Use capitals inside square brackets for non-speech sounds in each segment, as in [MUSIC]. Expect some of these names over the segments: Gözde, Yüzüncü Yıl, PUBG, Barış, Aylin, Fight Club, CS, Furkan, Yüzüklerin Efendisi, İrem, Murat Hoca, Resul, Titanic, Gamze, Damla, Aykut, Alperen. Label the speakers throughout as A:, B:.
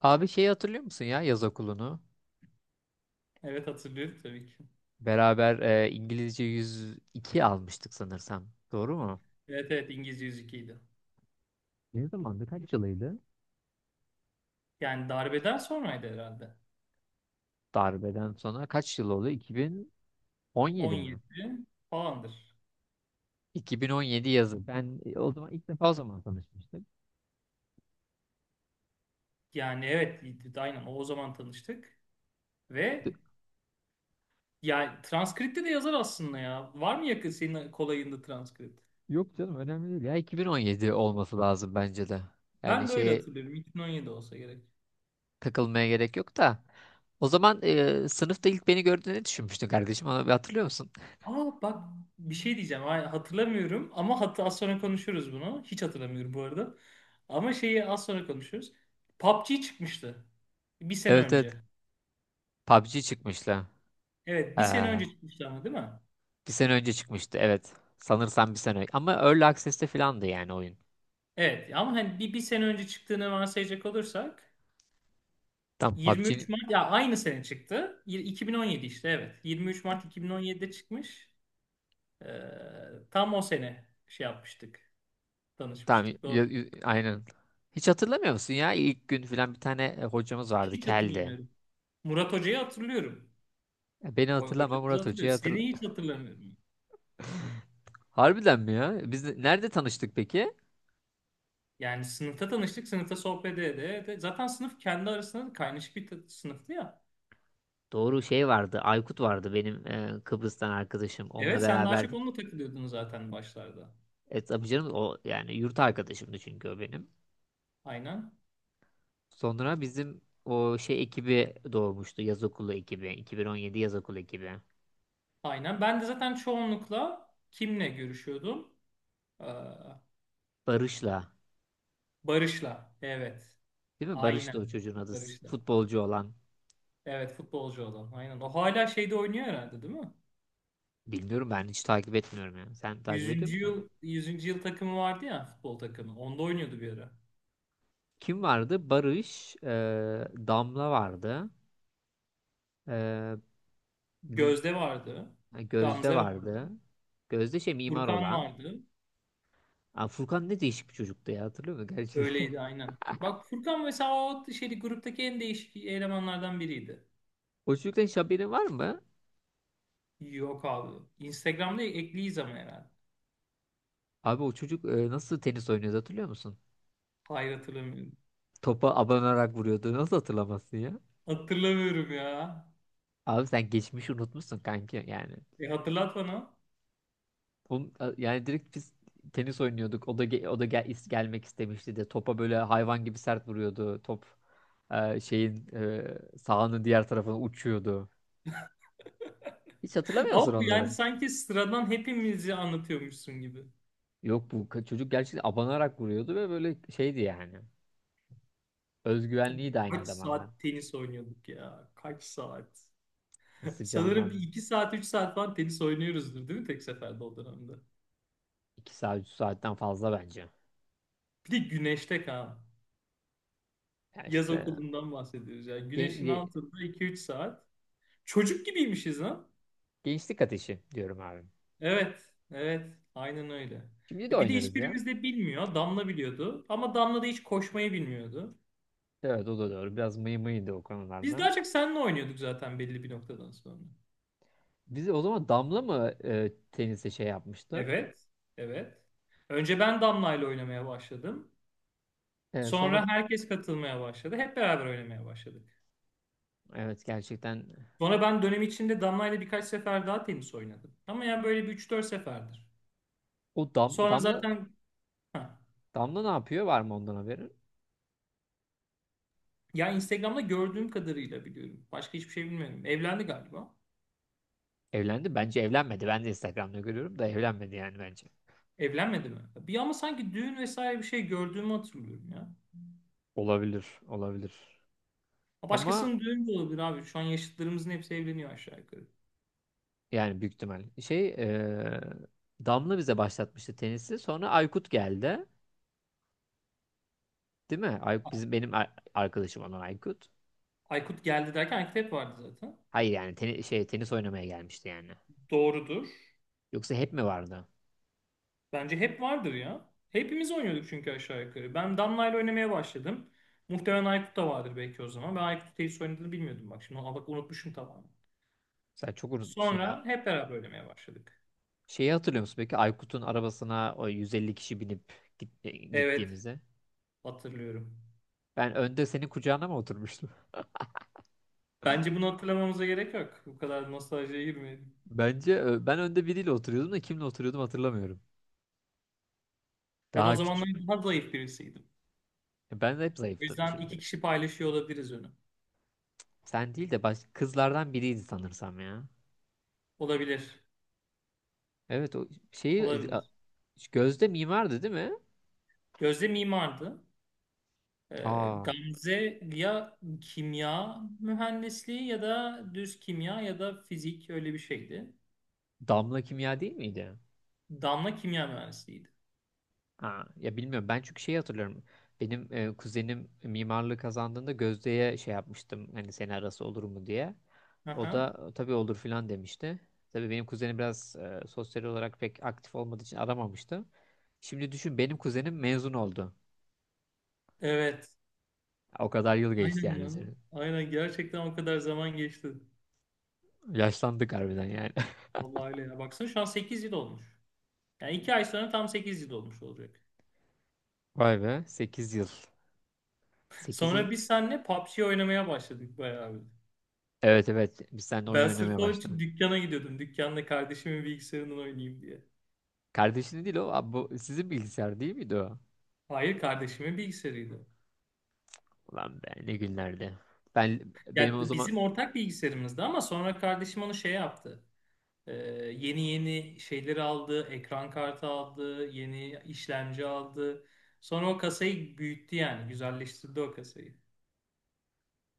A: Abi şeyi hatırlıyor musun ya yaz okulunu?
B: Evet hatırlıyorum tabii ki.
A: Beraber İngilizce 102 almıştık sanırsam. Doğru mu?
B: Evet, evet, İngiliz 102'ydi.
A: Ne zamandı? Kaç yılıydı?
B: Yani darbeden sonraydı herhalde.
A: Darbeden sonra kaç yıl oldu? 2017 mi?
B: 17 falandır.
A: 2017 yazı. Ben o zaman ilk defa o zaman tanışmıştık.
B: Yani evet aynen o zaman tanıştık. Ve
A: D-
B: yani transkripte de yazar aslında ya. Var mı yakın senin kolayında transkript?
A: Yok canım, önemli değil ya. 2017 olması lazım bence de. Yani
B: Ben de öyle
A: şeye
B: hatırlıyorum. 2017 olsa gerek.
A: takılmaya gerek yok da. O zaman sınıfta ilk beni gördüğünü düşünmüştün kardeşim. Onu bir hatırlıyor musun?
B: Aa bak, bir şey diyeceğim. Ay, Hatırlamıyorum ama az sonra konuşuruz bunu. Hiç hatırlamıyorum bu arada. Ama şeyi az sonra konuşuruz. PUBG çıkmıştı. Bir sene
A: Evet, evet.
B: önce.
A: PUBG çıkmıştı.
B: Evet bir sene önce çıkmıştı ama, değil mi?
A: Bir sene önce çıkmıştı, evet. Sanırsam bir sene önce. Ama Early Access'te filandı yani oyun.
B: Evet ama hani bir sene önce çıktığını varsayacak olursak
A: Tam PUBG,
B: 23 Mart ya aynı sene çıktı. 2017 işte, evet. 23 Mart 2017'de çıkmış. Tam o sene şey yapmıştık. Tanışmıştık. Doğru.
A: aynen. Hiç hatırlamıyor musun ya? İlk gün filan bir tane hocamız vardı,
B: Hiç
A: Keldi.
B: hatırlamıyorum. Murat Hoca'yı hatırlıyorum.
A: Beni hatırlama,
B: Hocamızı
A: Murat Hoca'yı
B: hatırlıyorum.
A: hatırla.
B: Seni hiç hatırlamıyorum.
A: Harbiden mi ya? Nerede tanıştık peki?
B: Yani sınıfta tanıştık. Sınıfta sohbet ede ede. Zaten sınıf kendi arasında da kaynaşık bir sınıftı ya.
A: Doğru, şey vardı. Aykut vardı, benim Kıbrıs'tan arkadaşım. Onunla
B: Evet sen daha çok
A: beraberdik.
B: onunla takılıyordun zaten başlarda.
A: E tabii canım, o yani yurt arkadaşımdı çünkü o benim.
B: Aynen.
A: Sonra bizim o şey ekibi doğmuştu. Yaz okulu ekibi. 2017 yaz okulu ekibi.
B: Aynen. Ben de zaten çoğunlukla kimle görüşüyordum? Ee,
A: Barış'la.
B: Barış'la. Evet.
A: Değil mi? Barış da
B: Aynen.
A: o çocuğun adı.
B: Barış'la.
A: Futbolcu olan.
B: Evet, futbolcu olan. Aynen. O hala şeyde oynuyor herhalde, değil mi?
A: Bilmiyorum, ben hiç takip etmiyorum yani. Sen takip ediyor
B: Yüzüncü
A: musun?
B: yıl yüzüncü yıl takımı vardı ya, futbol takımı. Onda oynuyordu bir ara.
A: Kim vardı? Barış, Damla vardı. E, Rüz-
B: Gözde vardı.
A: Gözde
B: Gamze vardı.
A: vardı. Gözde, şey, mimar
B: Furkan
A: olan.
B: vardı.
A: Aa, Furkan ne değişik bir çocuktu ya, hatırlıyor musun? Gerçi.
B: Öyleydi
A: [LAUGHS]
B: aynen. Bak Furkan mesela, o şeydi, gruptaki en değişik elemanlardan biriydi.
A: O çocuktan hiç haberin var mı?
B: Yok abi. Instagram'da ekliyiz ama herhalde.
A: Abi o çocuk nasıl tenis oynuyordu hatırlıyor musun?
B: Hayır, hatırlamıyorum.
A: Topa abanarak vuruyordu. Nasıl hatırlamazsın ya?
B: Hatırlamıyorum ya.
A: Abi sen geçmişi unutmuşsun kanki yani.
B: E hatırlat bana.
A: Oğlum, yani direkt biz tenis oynuyorduk. O da gelmek istemişti de topa böyle hayvan gibi sert vuruyordu. Top sahanın diğer tarafına uçuyordu. Hiç hatırlamıyor musun
B: Ama bu yani
A: onları?
B: sanki sıradan hepimizi anlatıyormuşsun gibi.
A: Yok, çocuk gerçekten abanarak vuruyordu ve böyle şeydi yani. Özgüvenliği de aynı
B: Kaç
A: zamanda.
B: saat tenis oynuyorduk ya? Kaç saat? [LAUGHS] Sanırım
A: Sıcağından
B: bir iki saat, üç saat falan tenis oynuyoruzdur, değil mi, tek seferde o dönemde?
A: 2 saat, 3 saatten fazla bence.
B: Bir de güneşte kan.
A: Ya
B: Yaz
A: işte,
B: okulundan bahsediyoruz. Yani
A: gen-
B: güneşin
A: ge-
B: altında iki üç saat. Çocuk gibiymişiz lan.
A: gençlik ateşi diyorum abi.
B: Evet, evet. Aynen öyle.
A: Şimdi de
B: E bir de
A: oynarız ya.
B: hiçbirimiz de bilmiyor. Damla biliyordu. Ama Damla da hiç koşmayı bilmiyordu.
A: Evet, o da doğru. Biraz mıydı o
B: Biz
A: konularda.
B: daha çok seninle oynuyorduk zaten belli bir noktadan sonra.
A: Bizi o zaman Damla mı tenise şey yapmıştı?
B: Evet, evet. Önce ben Damla'yla oynamaya başladım.
A: Sonra,
B: Sonra herkes katılmaya başladı. Hep beraber oynamaya başladık.
A: evet, gerçekten
B: Sonra ben dönem içinde Damla'yla birkaç sefer daha tenis oynadım. Ama yani böyle bir üç dört seferdir.
A: o
B: Sonra zaten ha,
A: Damla ne yapıyor? Var mı ondan haberin?
B: ya Instagram'da gördüğüm kadarıyla biliyorum. Başka hiçbir şey bilmiyorum. Evlendi galiba.
A: Evlendi. Bence evlenmedi. Ben de Instagram'da görüyorum da evlenmedi yani bence.
B: Evlenmedi mi? Bir ama sanki düğün vesaire bir şey gördüğümü hatırlıyorum ya.
A: Olabilir, olabilir.
B: Ha,
A: Ama
B: başkasının düğünü de olabilir abi. Şu an yaşıtlarımızın hepsi evleniyor aşağı yukarı.
A: yani büyük ihtimal. Şey, Damla bize başlatmıştı tenisi. Sonra Aykut geldi. Değil mi? Ay, benim arkadaşım olan Aykut.
B: Aykut geldi derken Aykut hep vardı zaten.
A: Hayır yani, tenis oynamaya gelmişti yani.
B: Doğrudur.
A: Yoksa hep mi vardı?
B: Bence hep vardır ya. Hepimiz oynuyorduk çünkü aşağı yukarı. Ben Damla ile oynamaya başladım. Muhtemelen Aykut da vardır belki o zaman. Ben Aykut tenis oynadığını bilmiyordum bak. Şimdi bak, unutmuşum tamamen.
A: Sen çok unutmuşsun ya.
B: Sonra hep beraber oynamaya başladık.
A: Şeyi hatırlıyor musun peki Aykut'un arabasına o 150 kişi binip
B: Evet,
A: gittiğimizde?
B: hatırlıyorum.
A: Ben önde senin kucağına mı oturmuştum?
B: Bence bunu hatırlamamıza gerek yok. Bu kadar nostaljiye girmeyelim.
A: [LAUGHS] Bence ben önde biriyle oturuyordum da kimle oturuyordum hatırlamıyorum.
B: Ben o
A: Daha
B: zamanlar
A: küçük.
B: daha zayıf birisiydim.
A: Ben de hep
B: O
A: zayıftım
B: yüzden
A: şimdi.
B: iki kişi paylaşıyor olabiliriz önü.
A: Sen değil de baş kızlardan biriydi sanırsam ya.
B: Olabilir.
A: Evet, o şeyi e, a-
B: Olabilir.
A: Gözde mimardı değil mi?
B: Gözde mimardı.
A: Aa,
B: Gamze ya kimya mühendisliği ya da düz kimya ya da fizik, öyle bir şeydi.
A: Damla Kimya değil miydi?
B: Damla kimya mühendisliğiydi.
A: Ha, ya bilmiyorum ben çünkü şeyi hatırlıyorum. Benim kuzenim mimarlığı kazandığında Gözde'ye şey yapmıştım. Hani seni arası olur mu diye. O
B: Aha.
A: da tabii olur filan demişti. Tabii benim kuzenim biraz sosyal olarak pek aktif olmadığı için aramamıştı. Şimdi düşün, benim kuzenim mezun oldu.
B: Evet.
A: O kadar yıl geçti
B: Aynen
A: yani
B: lan.
A: üzerinden.
B: Aynen, gerçekten o kadar zaman geçti.
A: Yaşlandık harbiden yani.
B: Vallahi öyle ya. Baksana, şu an 8 yıl olmuş. Yani 2 ay sonra tam 8 yıl olmuş olacak.
A: [LAUGHS] Vay be, 8 yıl. 8 yıl.
B: Sonra biz seninle PUBG oynamaya başladık bayağı bir.
A: Evet, evet, biz seninle oyun
B: Ben sırf
A: oynamaya
B: onun
A: başladık.
B: için dükkana gidiyordum. Dükkanda kardeşimin bilgisayarından oynayayım diye.
A: Kardeşini değil o. Abi, bu sizin bilgisayar değil miydi o?
B: Hayır, kardeşimin bilgisayarıydı.
A: Ulan be, ne günlerdi. Ben benim
B: Ya
A: o zaman
B: bizim ortak bilgisayarımızdı ama sonra kardeşim onu şey yaptı. Ee, Yeni yeni şeyleri aldı, ekran kartı aldı, yeni işlemci aldı. Sonra o kasayı büyüttü yani, güzelleştirdi o kasayı.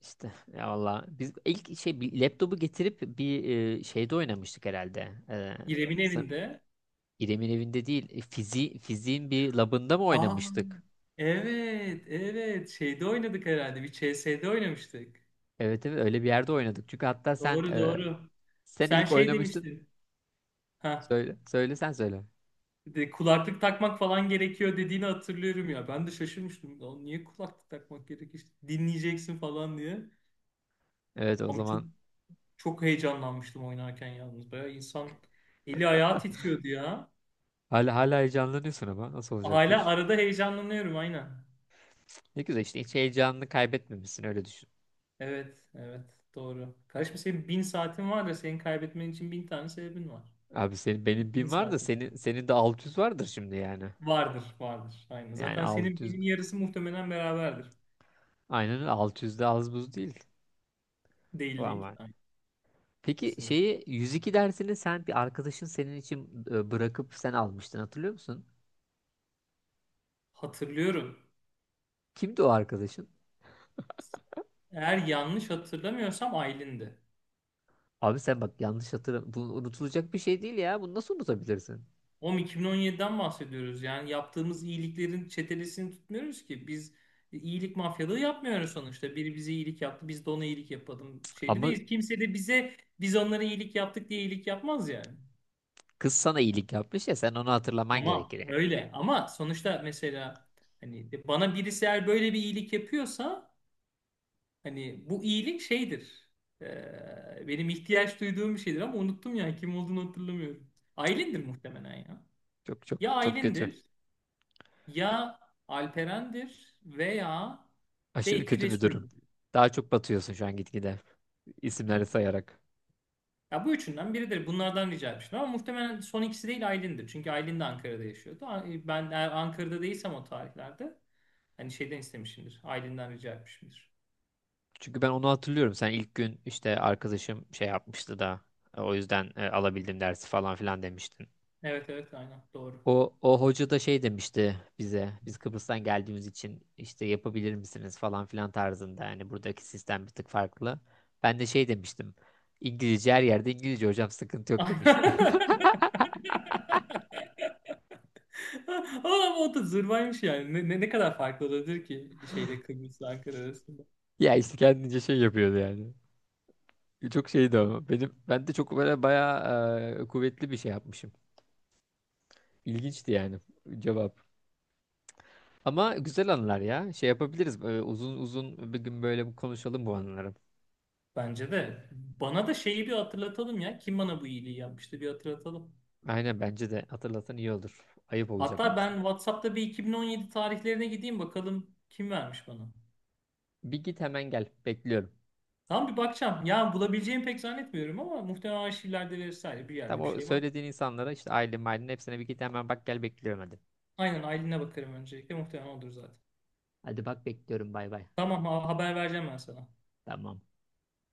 A: işte ya valla, biz ilk şey, bir laptopu getirip bir şeyde oynamıştık herhalde.
B: İrem'in
A: Sa-
B: evinde.
A: İrem'in evinde değil, fiziğin bir labında mı
B: Aa,
A: oynamıştık?
B: evet, evet. Şeyde oynadık herhalde, bir CS'de oynamıştık.
A: Evet, evet, öyle bir yerde oynadık. Çünkü hatta sen
B: Doğru, doğru.
A: sen
B: Sen
A: ilk
B: şey
A: oynamıştın.
B: demiştin. Ha,
A: Söyle, söyle, sen söyle.
B: de kulaklık takmak falan gerekiyor dediğini hatırlıyorum ya. Ben de şaşırmıştım. "Lan, niye kulaklık takmak gerekir? Dinleyeceksin" falan diye.
A: Evet, o
B: Ama çok,
A: zaman
B: çok heyecanlanmıştım oynarken yalnız. Bayağı insan eli ayağı titriyordu ya.
A: hala heyecanlanıyorsun ama nasıl olacak bu
B: Hala
A: iş?
B: arada heyecanlanıyorum aynen.
A: Ne güzel işte, hiç heyecanını kaybetmemişsin öyle düşün.
B: Evet, evet, doğru. Kardeşim, senin bin saatin var da senin kaybetmen için bin tane sebebin var.
A: Abi senin benim
B: Bin
A: bin var da
B: saatin var.
A: senin de 600 vardır şimdi yani.
B: Vardır, vardır. Aynen.
A: Yani
B: Zaten senin
A: 600.
B: binin yarısı muhtemelen beraberdir.
A: Aynen öyle. 600 de az buz değil.
B: Değil,
A: Bu
B: değil.
A: ama.
B: Aynen,
A: Peki
B: kesinlikle.
A: şeyi 102 dersini sen, bir arkadaşın senin için bırakıp sen almıştın hatırlıyor musun?
B: Hatırlıyorum.
A: Kimdi o arkadaşın?
B: Eğer yanlış hatırlamıyorsam Aylin'di.
A: Abi sen bak, yanlış hatırlam. Bu unutulacak bir şey değil ya. Bunu nasıl unutabilirsin?
B: Oğlum 2017'den bahsediyoruz. Yani yaptığımız iyiliklerin çetelesini tutmuyoruz ki. Biz iyilik mafyalığı yapmıyoruz sonuçta. Biri bize iyilik yaptı, biz de ona iyilik yapalım şeyinde
A: Ama
B: değiliz. Kimse de bize biz onlara iyilik yaptık diye iyilik yapmaz yani.
A: kız sana iyilik yapmış ya, sen onu hatırlaman gerekir
B: Tamam
A: yani.
B: öyle ama sonuçta mesela hani bana birisi eğer böyle bir iyilik yapıyorsa hani bu iyilik şeydir. Benim ihtiyaç duyduğum bir şeydir ama unuttum ya, kim olduğunu hatırlamıyorum. Aylin'dir muhtemelen ya.
A: Çok çok
B: Ya
A: çok kötü.
B: Aylin'dir, ya Alperen'dir veya
A: Aşırı
B: belki
A: kötü bir durum.
B: Resul'dür.
A: Daha çok batıyorsun şu an, gitgide isimleri sayarak.
B: Ya bu üçünden biridir. Bunlardan rica etmiştim ama muhtemelen son ikisi değil, Aylin'dir. Çünkü Aylin de Ankara'da yaşıyordu. Ben eğer Ankara'da değilsem o tarihlerde hani şeyden istemişimdir. Aylin'den rica etmişimdir.
A: Çünkü ben onu hatırlıyorum. Sen ilk gün işte arkadaşım şey yapmıştı da o yüzden alabildim dersi falan filan demiştin.
B: Evet, evet, aynen doğru.
A: O hoca da şey demişti bize, biz Kıbrıs'tan geldiğimiz için işte yapabilir misiniz falan filan tarzında. Yani buradaki sistem bir tık farklı. Ben de şey demiştim, İngilizce her yerde İngilizce hocam, sıkıntı yok demiştim. [LAUGHS]
B: [LAUGHS] Ama o da zırvaymış yani. Ne kadar farklı olabilir ki şeyle, Kıbrıs'la Ankara arasında.
A: Ya işte, kendince şey yapıyordu yani. Çok şeydi ama ben de çok böyle bayağı kuvvetli bir şey yapmışım. İlginçti yani cevap. Ama güzel anılar ya. Şey yapabiliriz. Böyle uzun uzun bir gün böyle konuşalım bu anıları.
B: Bence de. Bana da şeyi bir hatırlatalım ya. Kim bana bu iyiliği yapmıştı bir hatırlatalım.
A: Aynen, bence de hatırlatan iyi olur. Ayıp olacak
B: Hatta
A: yoksa.
B: ben WhatsApp'ta bir 2017 tarihlerine gideyim bakalım kim vermiş bana.
A: Bir git hemen gel. Bekliyorum.
B: Tamam, bir bakacağım. Ya bulabileceğimi pek zannetmiyorum ama muhtemelen arşivlerde vesaire bir
A: Tam
B: yerde bir
A: o
B: şey var.
A: söylediğin insanlara işte, ailenin hepsine bir git hemen bak gel bekliyorum hadi.
B: Aynen, Aylin'e bakarım öncelikle. Muhtemelen odur zaten.
A: Hadi bak, bekliyorum, bay bay.
B: Tamam, haber vereceğim ben sana.
A: Tamam.
B: Hadi